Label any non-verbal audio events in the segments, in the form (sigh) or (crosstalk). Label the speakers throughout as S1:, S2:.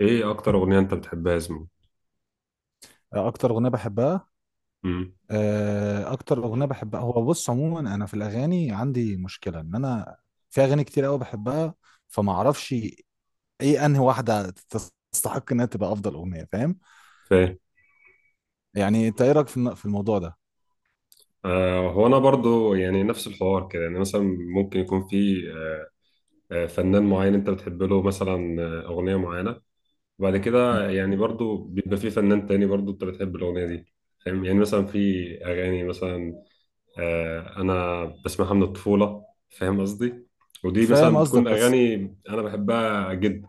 S1: ايه اكتر اغنيه انت بتحبها يا زميلي؟
S2: اكتر اغنيه بحبها.
S1: امم
S2: اكتر اغنيه بحبها، هو بص، عموما انا في الاغاني عندي مشكله ان انا في اغاني كتير قوي بحبها، فما اعرفش ايه انهي واحده تستحق انها تبقى افضل اغنيه، فاهم؟
S1: فاهم.
S2: يعني انت ايه رايك في في الموضوع ده؟
S1: آه، هو انا برضو يعني نفس الحوار كده، يعني مثلا ممكن يكون في فنان معين انت بتحب له، مثلا اغنيه معينه. وبعد كده
S2: مهم.
S1: يعني برضو بيبقى في فنان تاني برضو انت بتحب الاغنيه دي. فاهم. يعني مثلا في اغاني مثلا آه، انا بسمعها من الطفوله. فاهم قصدي؟ ودي مثلا
S2: فاهم قصدك،
S1: بتكون
S2: بس
S1: اغاني انا بحبها جدا.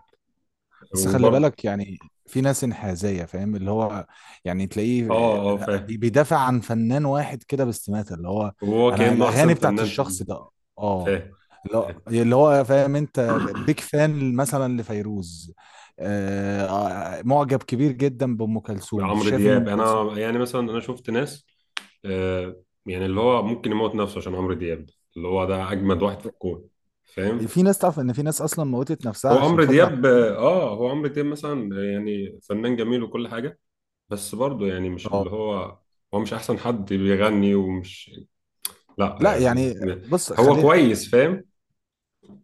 S2: بس خلي
S1: وبرضو
S2: بالك، يعني في ناس انحازية، فاهم؟ اللي هو يعني تلاقيه،
S1: اه اه
S2: لا،
S1: فاهم.
S2: بيدافع عن فنان واحد كده باستماتة، اللي هو
S1: وهو
S2: انا
S1: كانه احسن
S2: الاغاني بتاعت
S1: فنان في
S2: الشخص ده، اه،
S1: فاهم.
S2: اللي هو فاهم انت، بيك فان مثلا لفيروز. آه معجب كبير جدا بأم كلثوم،
S1: عمرو
S2: شايف ان
S1: دياب،
S2: ام كلثوم
S1: انا يعني مثلا انا شفت ناس آه، يعني اللي هو ممكن يموت نفسه عشان عمرو دياب، اللي هو ده اجمد واحد في الكون.
S2: يعني
S1: فاهم.
S2: في ناس، تعرف ان في ناس اصلا موتت نفسها عشان خاطر عبد الحليم.
S1: هو عمرو دياب مثلا يعني فنان جميل وكل حاجه، بس برضه يعني مش اللي
S2: اه،
S1: هو، هو مش احسن حد بيغني ومش، لا
S2: لا يعني،
S1: يعني،
S2: بص،
S1: هو
S2: خلي،
S1: كويس. فاهم.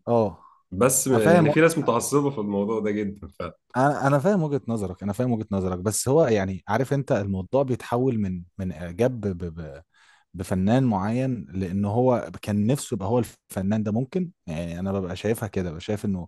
S2: اه.
S1: بس
S2: انا
S1: يعني
S2: فاهم،
S1: في ناس متعصبه في الموضوع ده جدا.
S2: انا فاهم وجهة نظرك، انا فاهم وجهة نظرك، بس هو يعني، عارف انت الموضوع بيتحول من اعجاب بفنان معين لان هو كان نفسه يبقى هو الفنان ده، ممكن يعني انا ببقى شايفها كده، ببقى شايف انه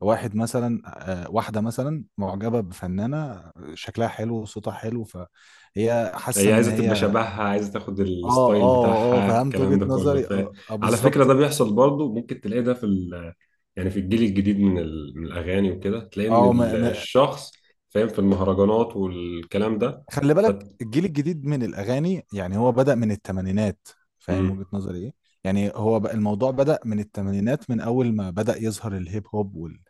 S2: واحد مثلا، واحده مثلا معجبه بفنانه شكلها حلو وصوتها حلو، فهي حاسه
S1: هي
S2: ان
S1: عايزة تبقى
S2: هي
S1: شبهها، عايزة تاخد
S2: اه،
S1: الستايل
S2: اه، اه،
S1: بتاعها،
S2: فهمت
S1: الكلام
S2: وجهة
S1: ده كله.
S2: نظري، اه، آه،
S1: على فكرة ده
S2: بالظبط.
S1: بيحصل برضه. ممكن تلاقي ده في يعني في الجيل الجديد من، من الأغاني وكده، تلاقي إن
S2: اه،
S1: الشخص فاهم في المهرجانات والكلام ده.
S2: خلي
S1: ف...
S2: بالك الجيل الجديد من الأغاني يعني هو بدأ من الثمانينات، فاهم
S1: مم.
S2: وجهة نظري إيه؟ يعني هو بقى الموضوع بدأ من الثمانينات، من أول ما بدأ يظهر الهيب هوب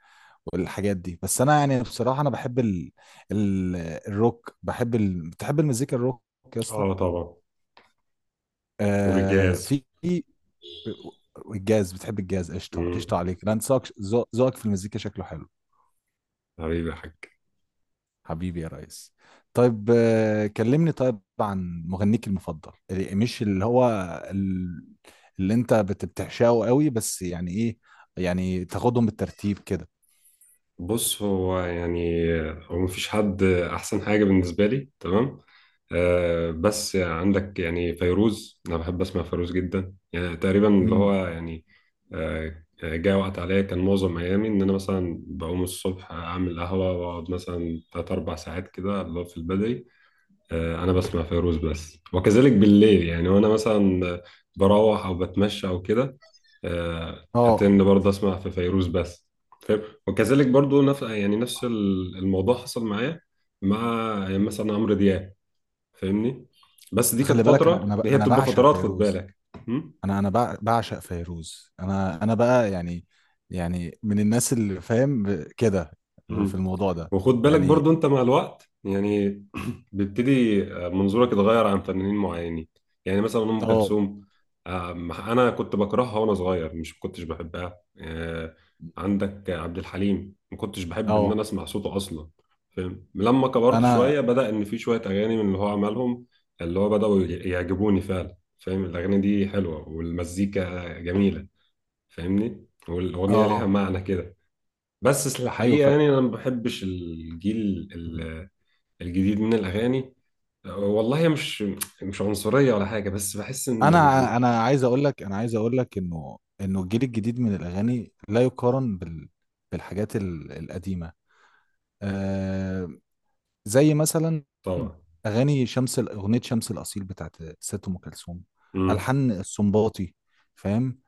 S2: والحاجات دي. بس أنا يعني بصراحة أنا بحب الروك، بحب بتحب المزيكا الروك يا اسطى؟
S1: اه طبعا. والجاز.
S2: في الجاز، بتحب الجاز؟ قشطة
S1: مم.
S2: قشطة عليك، أنا ذوقك، ذوقك في المزيكا شكله حلو،
S1: حبيبي يا حاج.
S2: حبيبي يا ريس. طيب، كلمني طيب عن مغنيك المفضل، مش اللي هو ال- اللي انت بتعشقه قوي، بس يعني ايه، يعني تاخدهم بالترتيب كده.
S1: بص، هو يعني هو مفيش حد أحسن حاجة بالنسبة لي، تمام. آه، بس عندك يعني فيروز، أنا بحب أسمع فيروز جدا، يعني تقريبا اللي
S2: مم.
S1: هو يعني آه، جاء وقت عليا كان معظم أيامي إن أنا مثلا بقوم الصبح أعمل قهوة وأقعد مثلا تلات أربع ساعات كده اللي هو في البدري، انا بسمع فيروز بس. وكذلك بالليل يعني وانا مثلا بروح او بتمشى او كده،
S2: اه،
S1: اتند برضه اسمع في فيروز بس. فاهم. وكذلك برضه نفس يعني نفس الموضوع حصل معايا مع يعني مثلا عمرو دياب. فاهمني؟ بس دي كانت
S2: خلي بالك،
S1: فترة، هي
S2: انا
S1: بتبقى
S2: بعشق
S1: فترات، خد
S2: فيروز،
S1: بالك. م؟
S2: بعشق فيروز، انا بقى يعني، يعني من الناس اللي فاهم كده في
S1: مم.
S2: الموضوع ده
S1: وخد بالك
S2: يعني.
S1: برضو انت مع الوقت يعني (clears throat) بيبتدي منظورك يتغير عن فنانين معينين. يعني مثلا ام
S2: اه،
S1: كلثوم، انا كنت بكرهها وانا صغير، مش ما كنتش بحبها. آه، عندك عبد الحليم ما كنتش بحب ان
S2: اه،
S1: انا اسمع صوته اصلا. فاهم. لما كبرت
S2: انا،
S1: شويه بدا ان في شويه اغاني من اللي هو عملهم اللي هو بداوا يعجبوني فعلا. فاهم. الاغاني دي حلوه والمزيكا جميله. فاهمني؟ والاغنيه ليها
S2: اه،
S1: معنى كده. بس
S2: ايوه.
S1: الحقيقة يعني أنا ما بحبش الجيل ال- الجديد من الأغاني. والله مش، مش عنصرية ولا حاجة، بس بحس إن
S2: انا عايز اقول لك، انا عايز اقول لك انه الجيل الجديد من الاغاني لا يقارن بالحاجات القديمه. آه زي مثلا
S1: طبعا.
S2: اغنيه شمس الاصيل بتاعت ست ام كلثوم،
S1: امم.
S2: الحان السنباطي، فاهم.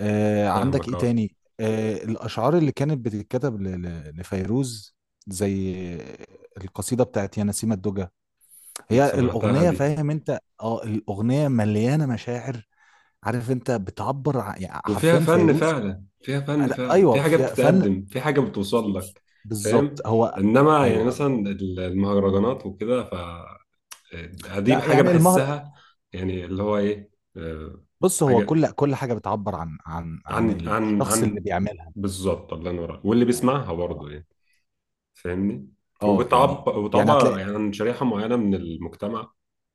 S2: عندك
S1: فاهمك
S2: ايه
S1: أه.
S2: تاني؟ الاشعار اللي كانت بتتكتب لفيروز، زي القصيده بتاعت يا نسيم الدجى،
S1: أنت
S2: هي
S1: سمعتها
S2: الاغنيه،
S1: دي؟
S2: فاهم انت؟ اه، الاغنيه مليانه مشاعر، عارف انت، بتعبر يعني
S1: وفيها
S2: حرفيا
S1: فن
S2: فيروز.
S1: فعلا، فيها فن
S2: لا (laughs)
S1: فعلا، في
S2: ايوه
S1: حاجة
S2: في فن،
S1: بتتقدم، في حاجة بتوصل
S2: في-
S1: لك. فاهم.
S2: بالظبط هو،
S1: إنما يعني
S2: ايوه.
S1: مثلا المهرجانات وكده، ف دي
S2: لا
S1: حاجة
S2: يعني المهر،
S1: بحسها، يعني اللي هو إيه آه،
S2: بص هو
S1: حاجة.
S2: كل حاجه بتعبر عن
S1: عن عن
S2: الشخص اللي
S1: عن
S2: بيعملها.
S1: بالظبط، الله ينور عليك. واللي بيسمعها
S2: اه،
S1: برضه يعني. فاهمني؟
S2: اه، يعني
S1: وبتعبر وتعبر
S2: هتلاقي،
S1: يعني عن شريحة معينة من المجتمع.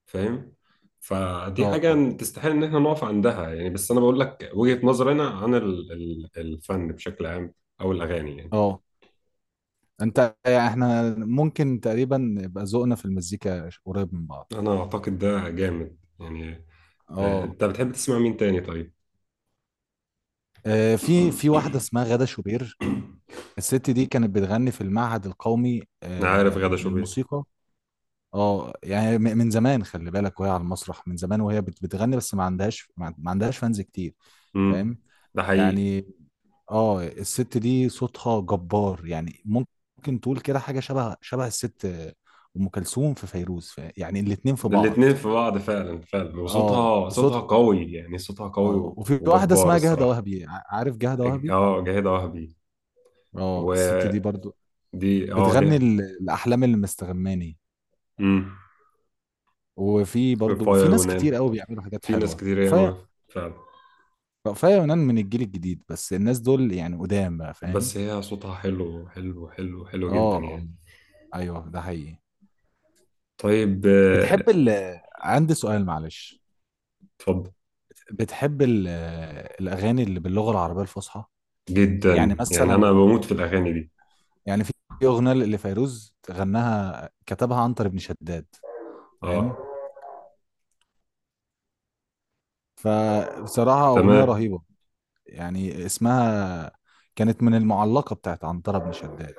S1: فاهم. فدي
S2: اه،
S1: حاجة تستحيل إن إحنا نقف عندها يعني، بس أنا بقول لك وجهة نظرنا عن الفن بشكل عام أو الأغاني يعني.
S2: اه. انت يعني احنا ممكن تقريبا يبقى ذوقنا في المزيكا قريب من بعض.
S1: أنا أعتقد ده جامد يعني. آه،
S2: اه.
S1: أنت بتحب تسمع مين تاني طيب؟
S2: في واحده اسمها غادة شوبير، الست دي كانت بتغني في المعهد القومي
S1: أنا عارف غادة شوبير.
S2: للموسيقى. اه يعني من زمان، خلي بالك، وهي على المسرح من زمان، وهي بتغني، بس ما عندهاش ما ما عندهاش فانز كتير،
S1: امم.
S2: فاهم؟
S1: ده حقيقي.
S2: يعني اه. الست دي صوتها جبار، يعني ممكن تقول كده حاجة شبه شبه الست أم كلثوم في فيروز، يعني الاتنين في بعض.
S1: الاتنين في بعض فعلا فعلا،
S2: اه،
S1: وصوتها، صوتها قوي يعني، صوتها
S2: اه
S1: قوي
S2: وفي واحدة
S1: وجبار
S2: اسمها جهدة
S1: الصراحة.
S2: وهبي، عارف جهدة وهبي؟
S1: اه جاهدة وهبي.
S2: اه الست دي
S1: ودي
S2: برضو
S1: اه
S2: بتغني
S1: ليها.
S2: الأحلام اللي مستغماني،
S1: امم.
S2: وفي برضو
S1: فايا
S2: في ناس
S1: يونان.
S2: كتير قوي بيعملوا حاجات
S1: في ناس
S2: حلوة.
S1: كتير ياما، فعلا.
S2: رأفاية يونان من الجيل الجديد، بس الناس دول يعني قدام بقى، فاهم.
S1: بس هي صوتها حلو حلو حلو حلو جدا
S2: اه،
S1: يعني.
S2: اه، ايوه ده حقيقي.
S1: طيب
S2: بتحب
S1: آه،
S2: ال عندي سؤال معلش،
S1: اتفضل.
S2: بتحب الأغاني اللي باللغة العربية الفصحى؟ يعني
S1: جدا يعني،
S2: مثلا،
S1: انا بموت في الاغاني دي.
S2: يعني في أغنية اللي فيروز غناها، كتبها عنتر بن شداد، فاهم،
S1: اه.
S2: فبصراحة أغنية
S1: تمام.
S2: رهيبة. يعني اسمها، كانت من المعلقة بتاعت عنتر بن شداد.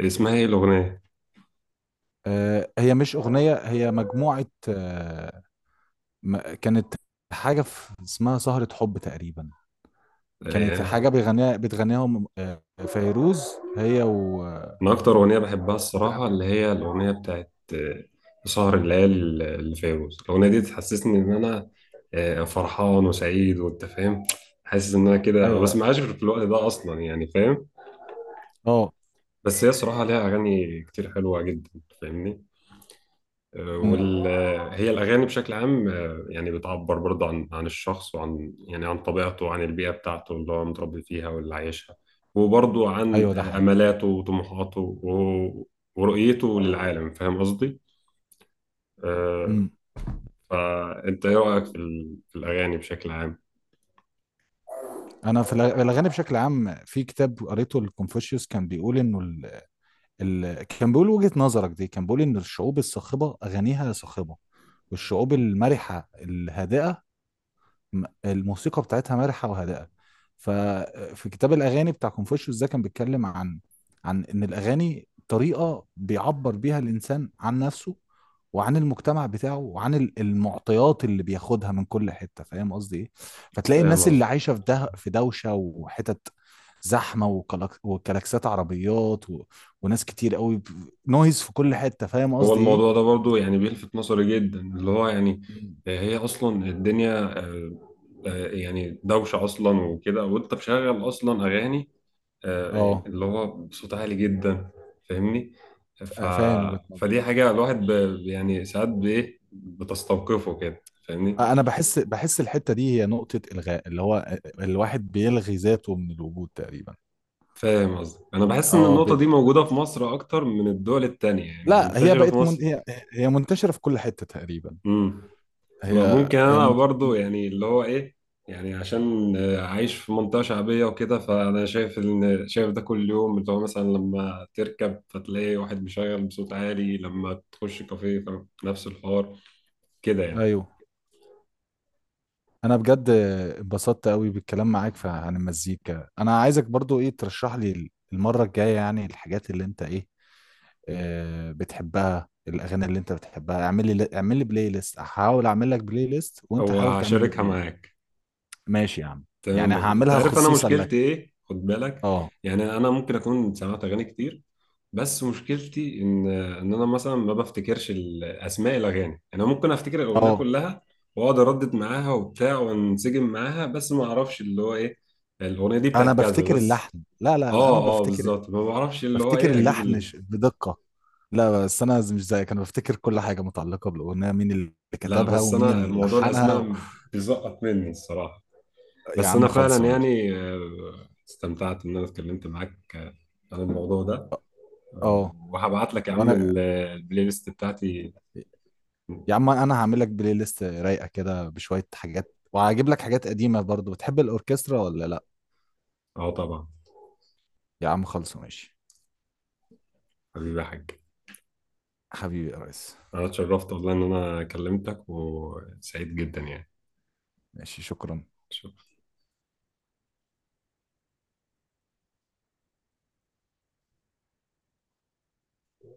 S1: اسمها ايه الاغنيه؟
S2: هي مش أغنية، هي مجموعة، كانت حاجة في، اسمها سهرة حب تقريبا.
S1: آه،
S2: كانت
S1: يعني
S2: حاجة بتغنيها فيروز، هي و
S1: انا اكتر اغنيه بحبها الصراحه،
S2: بتغني.
S1: اللي هي الاغنيه بتاعت آه، سهر الليالي اللي فيروز. الاغنيه دي تحسسني ان انا آه، فرحان وسعيد، وانت فاهم، حاسس ان انا كده. ما
S2: ايوه،
S1: بسمعهاش في الوقت ده اصلا يعني. فاهم.
S2: اه،
S1: بس هي صراحة ليها أغاني كتير حلوة جدا. فاهمني؟ آه،
S2: أمم،
S1: وال آه، هي الأغاني بشكل عام آه، يعني بتعبر برضه عن عن الشخص، وعن يعني عن طبيعته، وعن البيئة بتاعته اللي هو متربي فيها واللي عايشها. وبرضه عن
S2: ايوه ده
S1: آه،
S2: حقيقي.
S1: أملاته وطموحاته و- ورؤيته للعالم. فاهم قصدي؟ آه،
S2: أمم.
S1: فأنت إيه رأيك في في الأغاني بشكل عام؟
S2: انا في الاغاني بشكل عام، في كتاب قريته لكونفوشيوس، كان بيقول انه كان بيقول وجهة نظرك دي، كان بيقول ان الشعوب الصاخبة اغانيها صاخبة، والشعوب المرحة الهادئة الموسيقى بتاعتها مرحه وهادئه. ففي كتاب الاغاني بتاع كونفوشيوس ده كان بيتكلم عن ان الاغاني طريقه بيعبر بيها الانسان عن نفسه، وعن المجتمع بتاعه، وعن المعطيات اللي بياخدها من كل حته، فاهم قصدي ايه؟ فتلاقي
S1: فاهم
S2: الناس اللي
S1: قصدي؟
S2: عايشه في ده، في دوشه وحتت زحمه، وكلاكسات عربيات وناس كتير قوي نويز في كل حته، فاهم
S1: هو
S2: قصدي
S1: الموضوع ده
S2: ايه؟
S1: برضو يعني بيلفت نظري جدا اللي هو يعني
S2: مم.
S1: آه، هي اصلا الدنيا آه، آه، يعني دوشة اصلا وكده. وانت مشغل اصلا اغاني آه، يعني
S2: اه،
S1: اللي هو بصوت عالي جدا. فاهمني؟ ف...
S2: فاهم وجهة نظرك.
S1: فدي حاجة الواحد يعني ساعات بايه بتستوقفه كده. فاهمني؟
S2: انا بحس، الحته دي هي نقطه الغاء، اللي هو الواحد بيلغي ذاته من الوجود تقريبا.
S1: فاهم قصدي؟ انا بحس ان
S2: اه،
S1: النقطة دي موجودة في مصر اكتر من الدول التانية، يعني
S2: لا، هي
S1: منتشرة في
S2: بقت من،
S1: مصر.
S2: هي، هي منتشره في كل حته تقريبا،
S1: امم. ما
S2: هي
S1: ممكن
S2: هي
S1: انا
S2: منت،
S1: برضو يعني اللي هو ايه، يعني عشان آه، عايش في منطقة شعبية وكده، فانا شايف ان ده كل يوم، اللي هو مثلا لما تركب فتلاقي واحد مشغل بصوت عالي، لما تخش كافيه فنفس الحوار كده يعني.
S2: ايوه. انا بجد اتبسطت قوي بالكلام معاك عن المزيكا. انا عايزك برضو ايه، ترشح لي المره الجايه يعني الحاجات اللي انت ايه بتحبها، الاغاني اللي انت بتحبها. اعمل لي بلاي ليست، هحاول اعمل لك بلاي ليست، وانت
S1: او
S2: حاول تعمل لي
S1: هشاركها
S2: بلاي ليست.
S1: معاك.
S2: ماشي يا عم، يعني
S1: تمام، مظبوط. انت
S2: هعملها
S1: عارف انا
S2: خصيصا
S1: مشكلتي
S2: لك.
S1: ايه؟ خد بالك،
S2: اه،
S1: يعني انا ممكن اكون سمعت اغاني كتير، بس مشكلتي ان انا مثلا ما بفتكرش اسماء الاغاني. يعني انا ممكن افتكر الاغنيه
S2: اه،
S1: كلها واقعد اردد معاها وبتاع وانسجم معاها، بس ما اعرفش اللي هو ايه، الاغنيه دي
S2: انا
S1: بتاعت كذا
S2: بفتكر
S1: بس.
S2: اللحن. لا، لا، لا،
S1: اه
S2: انا
S1: اه
S2: بفتكر
S1: بالظبط. ما بعرفش اللي هو
S2: بفتكر
S1: ايه اجيب
S2: اللحن بدقة. لا، بس انا مش زيك، انا بفتكر كل حاجة متعلقة بالاغنية، مين اللي
S1: لا،
S2: كتبها
S1: بس
S2: ومين
S1: انا
S2: اللي
S1: موضوع
S2: لحنها
S1: الاسماء بيزقط مني الصراحه.
S2: يا
S1: بس انا
S2: عم خلصة
S1: فعلا
S2: ماشي.
S1: يعني آه، استمتعت ان انا اتكلمت معاك آه، عن الموضوع ده.
S2: اه،
S1: آه،
S2: آه.
S1: وهبعت لك يا عم
S2: وانا
S1: البلاي ليست بتاعتي.
S2: يا عم، انا هعمل لك بلاي ليست رايقة كده بشوية حاجات، وهجيب لك حاجات قديمة برضو. بتحب الاوركسترا ولا لا؟
S1: اه طبعا.
S2: يا عم خلصة ماشي.
S1: حبيبي يا حاج.
S2: حبيبي يا ريس.
S1: انا اتشرفت والله ان انا كلمتك وسعيد جدا يعني.
S2: ماشي، شكرا.
S1: شكرا.